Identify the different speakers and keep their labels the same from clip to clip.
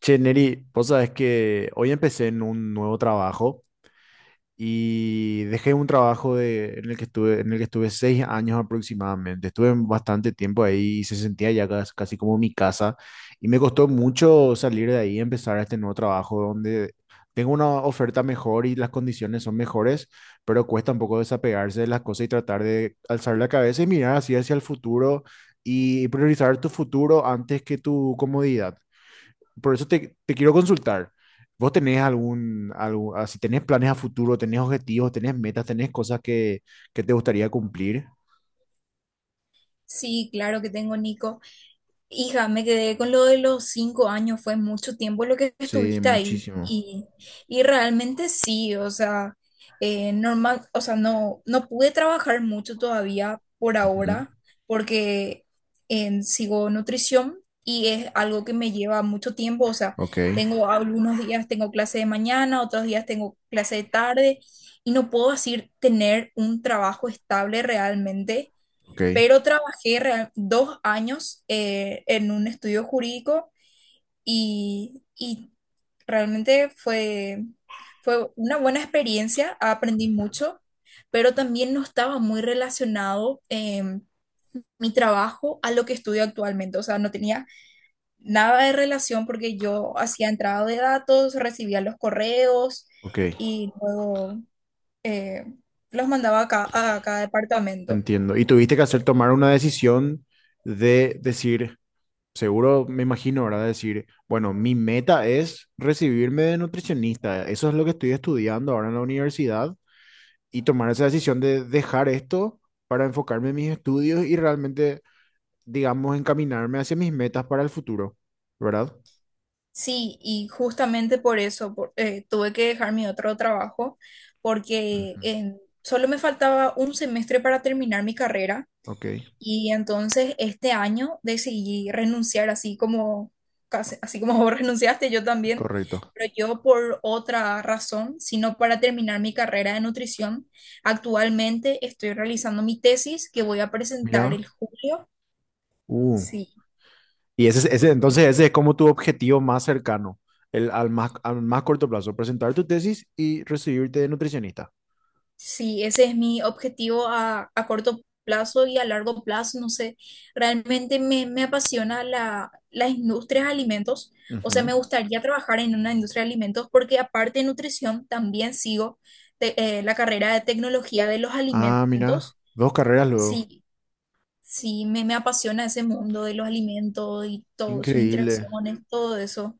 Speaker 1: Che, Neri, vos sabés que hoy empecé en un nuevo trabajo y dejé un trabajo de, en el que estuve, en el que estuve 6 años aproximadamente. Estuve bastante tiempo ahí y se sentía ya casi, como mi casa. Y me costó mucho salir de ahí y empezar este nuevo trabajo donde tengo una oferta mejor y las condiciones son mejores, pero cuesta un poco desapegarse de las cosas y tratar de alzar la cabeza y mirar así hacia el futuro y priorizar tu futuro antes que tu comodidad. Por eso te quiero consultar. ¿Vos tenés algún si tenés planes a futuro, tenés objetivos, tenés metas, tenés cosas que te gustaría cumplir?
Speaker 2: Sí, claro que tengo, Nico. Hija, me quedé con lo de los 5 años, fue mucho tiempo lo que
Speaker 1: Sí,
Speaker 2: estuviste ahí.
Speaker 1: muchísimo.
Speaker 2: Y realmente sí, o sea, normal, o sea, no pude trabajar mucho todavía por
Speaker 1: Ujú,
Speaker 2: ahora, porque sigo nutrición y es algo que me lleva mucho tiempo. O sea,
Speaker 1: ok,
Speaker 2: tengo algunos días tengo clase de mañana, otros días tengo clase de tarde, y no puedo así tener un trabajo estable realmente,
Speaker 1: ok,
Speaker 2: pero 2 años en un estudio jurídico y realmente fue una buena experiencia, aprendí mucho, pero también no estaba muy relacionado mi trabajo a lo que estudio actualmente, o sea, no tenía nada de relación porque yo hacía entrada de datos, recibía los correos
Speaker 1: ok,
Speaker 2: y luego eh, los mandaba a cada departamento.
Speaker 1: entiendo. Y tuviste que hacer tomar una decisión de decir, seguro me imagino, ¿verdad? Decir, bueno, mi meta es recibirme de nutricionista, eso es lo que estoy estudiando ahora en la universidad, y tomar esa decisión de dejar esto para enfocarme en mis estudios y realmente digamos, encaminarme hacia mis metas para el futuro, ¿verdad?
Speaker 2: Sí, y justamente por eso tuve que dejar mi otro trabajo, porque
Speaker 1: Ujú,
Speaker 2: solo me faltaba un semestre para terminar mi carrera
Speaker 1: ok,
Speaker 2: y entonces este año decidí renunciar así como, así como vos renunciaste, yo también,
Speaker 1: correcto.
Speaker 2: pero yo por otra razón, sino para terminar mi carrera de nutrición. Actualmente estoy realizando mi tesis que voy a presentar el
Speaker 1: Mira,
Speaker 2: julio.
Speaker 1: uh,
Speaker 2: Sí,
Speaker 1: entonces ese es como tu objetivo más cercano, el, al más corto plazo, presentar tu tesis y recibirte de nutricionista.
Speaker 2: sí, ese es mi objetivo a corto plazo y a largo plazo. No sé, realmente me apasiona la industria de alimentos. O sea,
Speaker 1: Ujú.
Speaker 2: me gustaría trabajar en una industria de alimentos porque aparte de nutrición, también sigo la carrera de tecnología de los
Speaker 1: Ah, mira,
Speaker 2: alimentos.
Speaker 1: dos carreras luego.
Speaker 2: Sí, sí, me apasiona ese mundo de los alimentos y todas sus
Speaker 1: Increíble.
Speaker 2: interacciones, todo eso.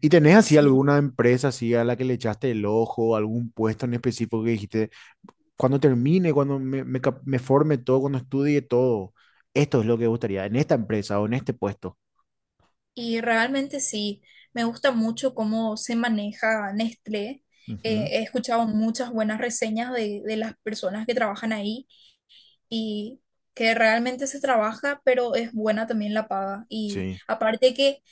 Speaker 1: ¿Y tenés así
Speaker 2: Sí.
Speaker 1: alguna empresa así a la que le echaste el ojo, algún puesto en específico que dijiste, cuando termine, cuando me forme todo, cuando estudie todo, esto es lo que me gustaría en esta empresa o en este puesto.
Speaker 2: Y realmente sí, me gusta mucho cómo se maneja Nestlé.
Speaker 1: Ujú,
Speaker 2: He escuchado muchas buenas reseñas de las personas que trabajan ahí y que realmente se trabaja, pero es buena también la paga. Y
Speaker 1: sí,
Speaker 2: aparte que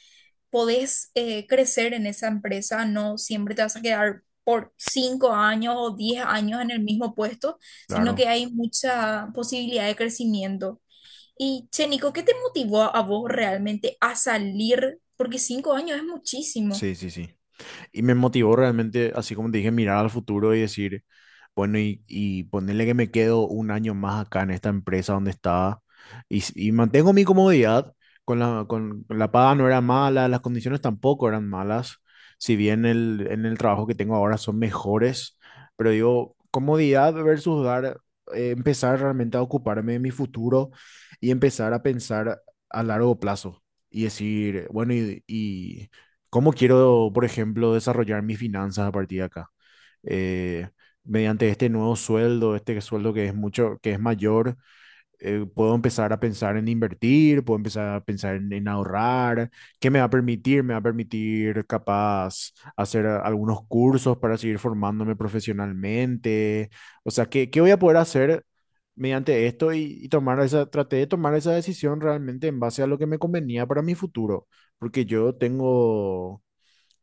Speaker 2: podés crecer en esa empresa, no siempre te vas a quedar por 5 años o 10 años en el mismo puesto, sino
Speaker 1: claro.
Speaker 2: que hay mucha posibilidad de crecimiento. Y, che, Nico, ¿qué te motivó a vos realmente a salir? Porque 5 años es muchísimo.
Speaker 1: Sí, sí, sí. Y me motivó realmente, así como te dije, mirar al futuro y decir, bueno, y ponerle que me quedo un año más acá en esta empresa donde estaba y mantengo mi comodidad, con la paga no era mala, las condiciones tampoco eran malas, si bien el, en el trabajo que tengo ahora son mejores, pero digo, comodidad versus dar, empezar realmente a ocuparme de mi futuro y empezar a pensar a largo plazo y decir, bueno, y ¿cómo quiero, por ejemplo, desarrollar mis finanzas a partir de acá? Eh, Mediante este nuevo sueldo, este sueldo que es mucho, que es mayor, puedo empezar a pensar en invertir, puedo empezar a pensar en ahorrar, ¿qué me va a permitir? Me va a permitir capaz hacer algunos cursos para seguir formándome profesionalmente, o sea, ¿qué voy a poder hacer mediante esto y tomar esa, traté de tomar esa decisión realmente en base a lo que me convenía para mi futuro, porque yo tengo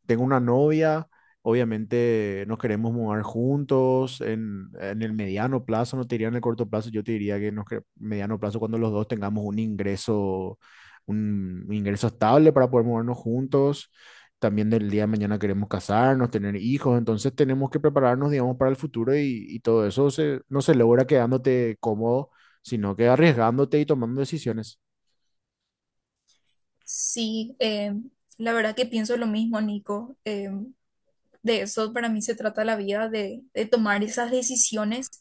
Speaker 1: tengo una novia, obviamente nos queremos mudar juntos, en el mediano plazo, no te diría en el corto plazo, yo te diría que en el mediano plazo cuando los dos tengamos un ingreso estable para poder mudarnos juntos. También del día de mañana queremos casarnos, tener hijos, entonces tenemos que prepararnos, digamos, para el futuro y todo eso no se logra quedándote cómodo, sino que arriesgándote y tomando decisiones.
Speaker 2: Sí, la verdad que pienso lo mismo, Nico. De eso para mí se trata la vida, de tomar esas decisiones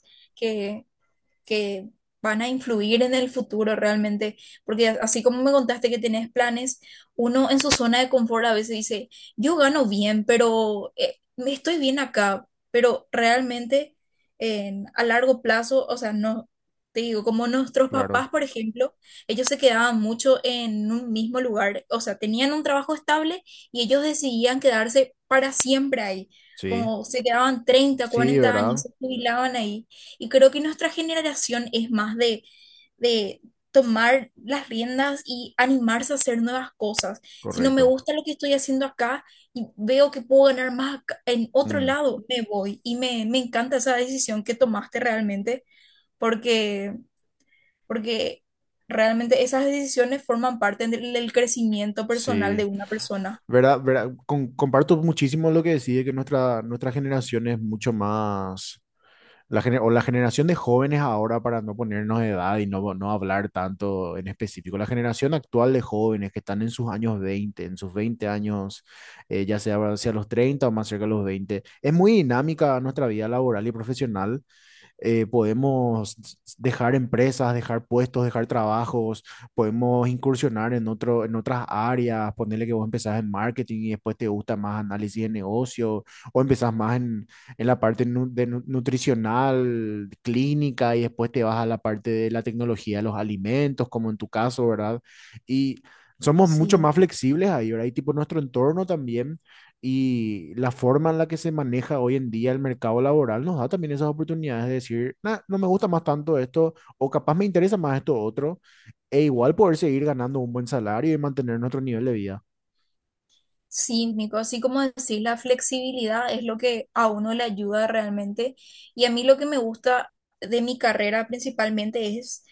Speaker 2: que van a influir en el futuro realmente, porque así como me contaste que tenés planes, uno en su zona de confort a veces dice, yo gano bien, pero me estoy bien acá, pero realmente a largo plazo, o sea, no, te digo, como nuestros
Speaker 1: Claro,
Speaker 2: papás, por ejemplo, ellos se quedaban mucho en un mismo lugar, o sea, tenían un trabajo estable y ellos decidían quedarse para siempre ahí,
Speaker 1: sí,
Speaker 2: como se quedaban treinta
Speaker 1: sí,
Speaker 2: cuarenta años,
Speaker 1: ¿verdad?
Speaker 2: se jubilaban ahí. Y creo que nuestra generación es más de tomar las riendas y animarse a hacer nuevas cosas. Si no me
Speaker 1: Correcto.
Speaker 2: gusta lo que estoy haciendo acá y veo que puedo ganar más en otro
Speaker 1: Mm,
Speaker 2: lado, me voy. Y me encanta esa decisión que tomaste realmente, porque, porque realmente esas decisiones forman parte del crecimiento personal de
Speaker 1: sí.
Speaker 2: una persona.
Speaker 1: ¿Verdad? ¿Verdad? Comparto muchísimo lo que decís, de que nuestra generación es mucho más, la generación de jóvenes ahora, para no ponernos de edad y no hablar tanto en específico, la generación actual de jóvenes que están en sus 20 años, ya sea hacia los 30 o más cerca de los 20 es muy dinámica nuestra vida laboral y profesional, podemos dejar empresas, dejar puestos, dejar trabajos, podemos incursionar en otras áreas, ponerle que vos empezás en marketing y después te gusta más análisis de negocio, o empezás más en la parte nutricional, clínica, y después te vas a la parte de la tecnología de los alimentos, como en tu caso, ¿verdad? Y somos mucho
Speaker 2: Sí.
Speaker 1: más flexibles ahí, ¿verdad? Y tipo nuestro entorno también y la forma en la que se maneja hoy en día el mercado laboral nos da también esas oportunidades de decir, "Nah, no me gusta más tanto esto, o capaz me interesa más esto otro, e igual poder seguir ganando un buen salario y mantener nuestro nivel de vida".
Speaker 2: Sí, Nico, así como decís, la flexibilidad es lo que a uno le ayuda realmente. Y a mí lo que me gusta de mi carrera principalmente es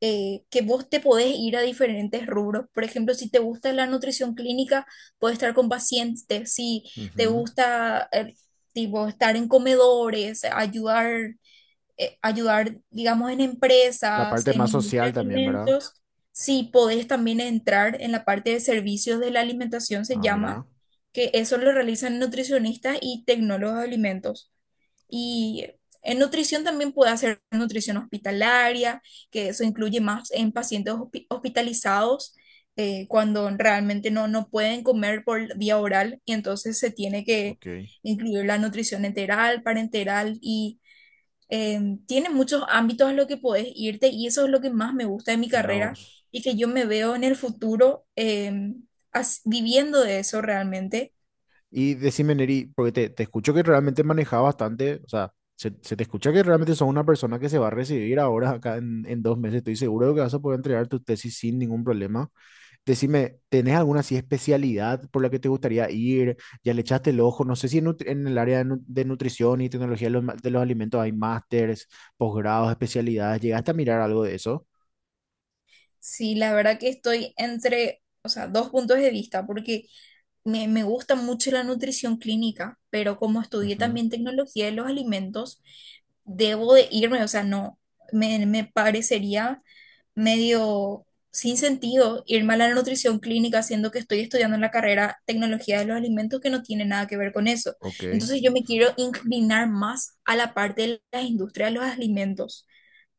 Speaker 2: que vos te podés ir a diferentes rubros. Por ejemplo, si te gusta la nutrición clínica, podés estar con pacientes. Si te
Speaker 1: Ujú.
Speaker 2: gusta tipo, estar en comedores, ayudar, digamos, en
Speaker 1: La
Speaker 2: empresas,
Speaker 1: parte
Speaker 2: en
Speaker 1: más
Speaker 2: industria
Speaker 1: social
Speaker 2: de
Speaker 1: también, ¿verdad?
Speaker 2: alimentos. Sí, podés también entrar en la parte de servicios de la alimentación, se
Speaker 1: Ah,
Speaker 2: llama,
Speaker 1: mira,
Speaker 2: que eso lo realizan nutricionistas y tecnólogos de alimentos. Y en nutrición también puede hacer nutrición hospitalaria, que eso incluye más en pacientes hospitalizados, cuando realmente no, no pueden comer por vía oral y entonces se tiene que
Speaker 1: ok,
Speaker 2: incluir la nutrición enteral, parenteral y tiene muchos ámbitos a los que podés irte y eso es lo que más me gusta de mi
Speaker 1: mira
Speaker 2: carrera
Speaker 1: vos.
Speaker 2: y que yo me veo en el futuro viviendo de eso realmente.
Speaker 1: Y decime, Neri, porque te escucho que realmente manejas bastante, o sea, se te escucha que realmente sos una persona que se va a recibir ahora acá en 2 meses. Estoy seguro de que vas a poder entregar tu tesis sin ningún problema. Decime, ¿tenés alguna así especialidad por la que te gustaría ir? ¿Ya le echaste el ojo? No sé si en el área de nutrición y tecnología de de los alimentos hay másters, posgrados, especialidades. ¿Llegaste a mirar algo de eso?
Speaker 2: Sí, la verdad que estoy entre, o sea, dos puntos de vista, porque me gusta mucho la nutrición clínica, pero como estudié
Speaker 1: Ujú,
Speaker 2: también tecnología de los alimentos, debo de irme, o sea, no, me parecería medio sin sentido irme a la nutrición clínica siendo que estoy estudiando en la carrera tecnología de los alimentos que no tiene nada que ver con eso.
Speaker 1: ok,
Speaker 2: Entonces yo me quiero inclinar más a la parte de la industria de los alimentos,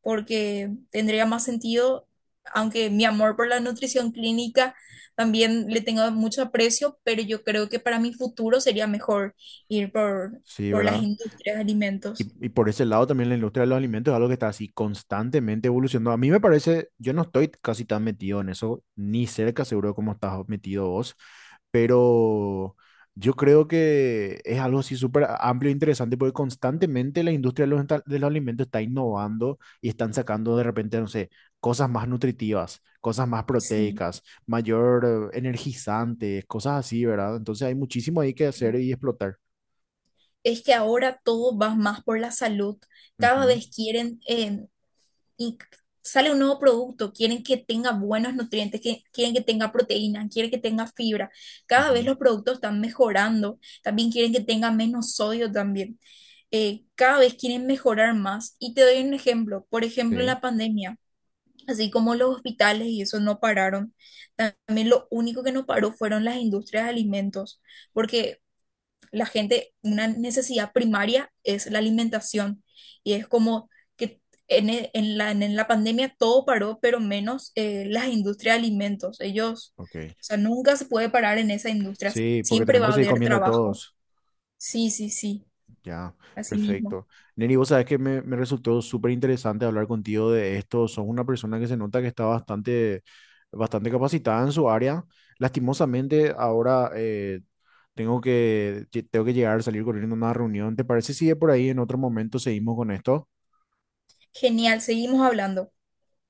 Speaker 2: porque tendría más sentido, aunque mi amor por la nutrición clínica también le tengo mucho aprecio, pero yo creo que para mi futuro sería mejor ir por,
Speaker 1: sí,
Speaker 2: por las
Speaker 1: ¿verdad?
Speaker 2: industrias de alimentos.
Speaker 1: Y por ese lado también la industria de los alimentos es algo que está así constantemente evolucionando. A mí me parece, yo no estoy casi tan metido en eso, ni cerca seguro como estás metido vos, pero yo creo que es algo así súper amplio e interesante porque constantemente la industria de de los alimentos está innovando y están sacando de repente, no sé, cosas más nutritivas, cosas más
Speaker 2: Sí.
Speaker 1: proteicas, mayor energizantes, cosas así, ¿verdad? Entonces hay muchísimo ahí que hacer y explotar.
Speaker 2: Es que ahora todo va más por la salud. Cada vez quieren, y sale un nuevo producto, quieren que tenga buenos nutrientes, que, quieren que tenga proteína, quieren que tenga fibra.
Speaker 1: Ujú,
Speaker 2: Cada vez
Speaker 1: ujú,
Speaker 2: los productos están mejorando, también quieren que tenga menos sodio también. Cada vez quieren mejorar más. Y te doy un ejemplo, por ejemplo, en
Speaker 1: sí,
Speaker 2: la pandemia. Así como los hospitales y eso no pararon, también lo único que no paró fueron las industrias de alimentos, porque la gente, una necesidad primaria es la alimentación y es como que en la pandemia todo paró, pero menos las industrias de alimentos. Ellos,
Speaker 1: ok.
Speaker 2: o sea, nunca se puede parar en esa industria,
Speaker 1: Sí, porque
Speaker 2: siempre
Speaker 1: tenemos
Speaker 2: va
Speaker 1: que
Speaker 2: a
Speaker 1: seguir
Speaker 2: haber
Speaker 1: comiendo
Speaker 2: trabajo.
Speaker 1: todos.
Speaker 2: Sí, sí, sí,
Speaker 1: Ya,
Speaker 2: así mismo.
Speaker 1: perfecto. Neri, vos sabés que me resultó súper interesante hablar contigo de esto. Sos una persona que se nota que está bastante, bastante capacitada en su área. Lastimosamente, ahora tengo tengo que llegar a salir corriendo a una reunión. ¿Te parece si de por ahí en otro momento seguimos con esto?
Speaker 2: Genial, seguimos hablando.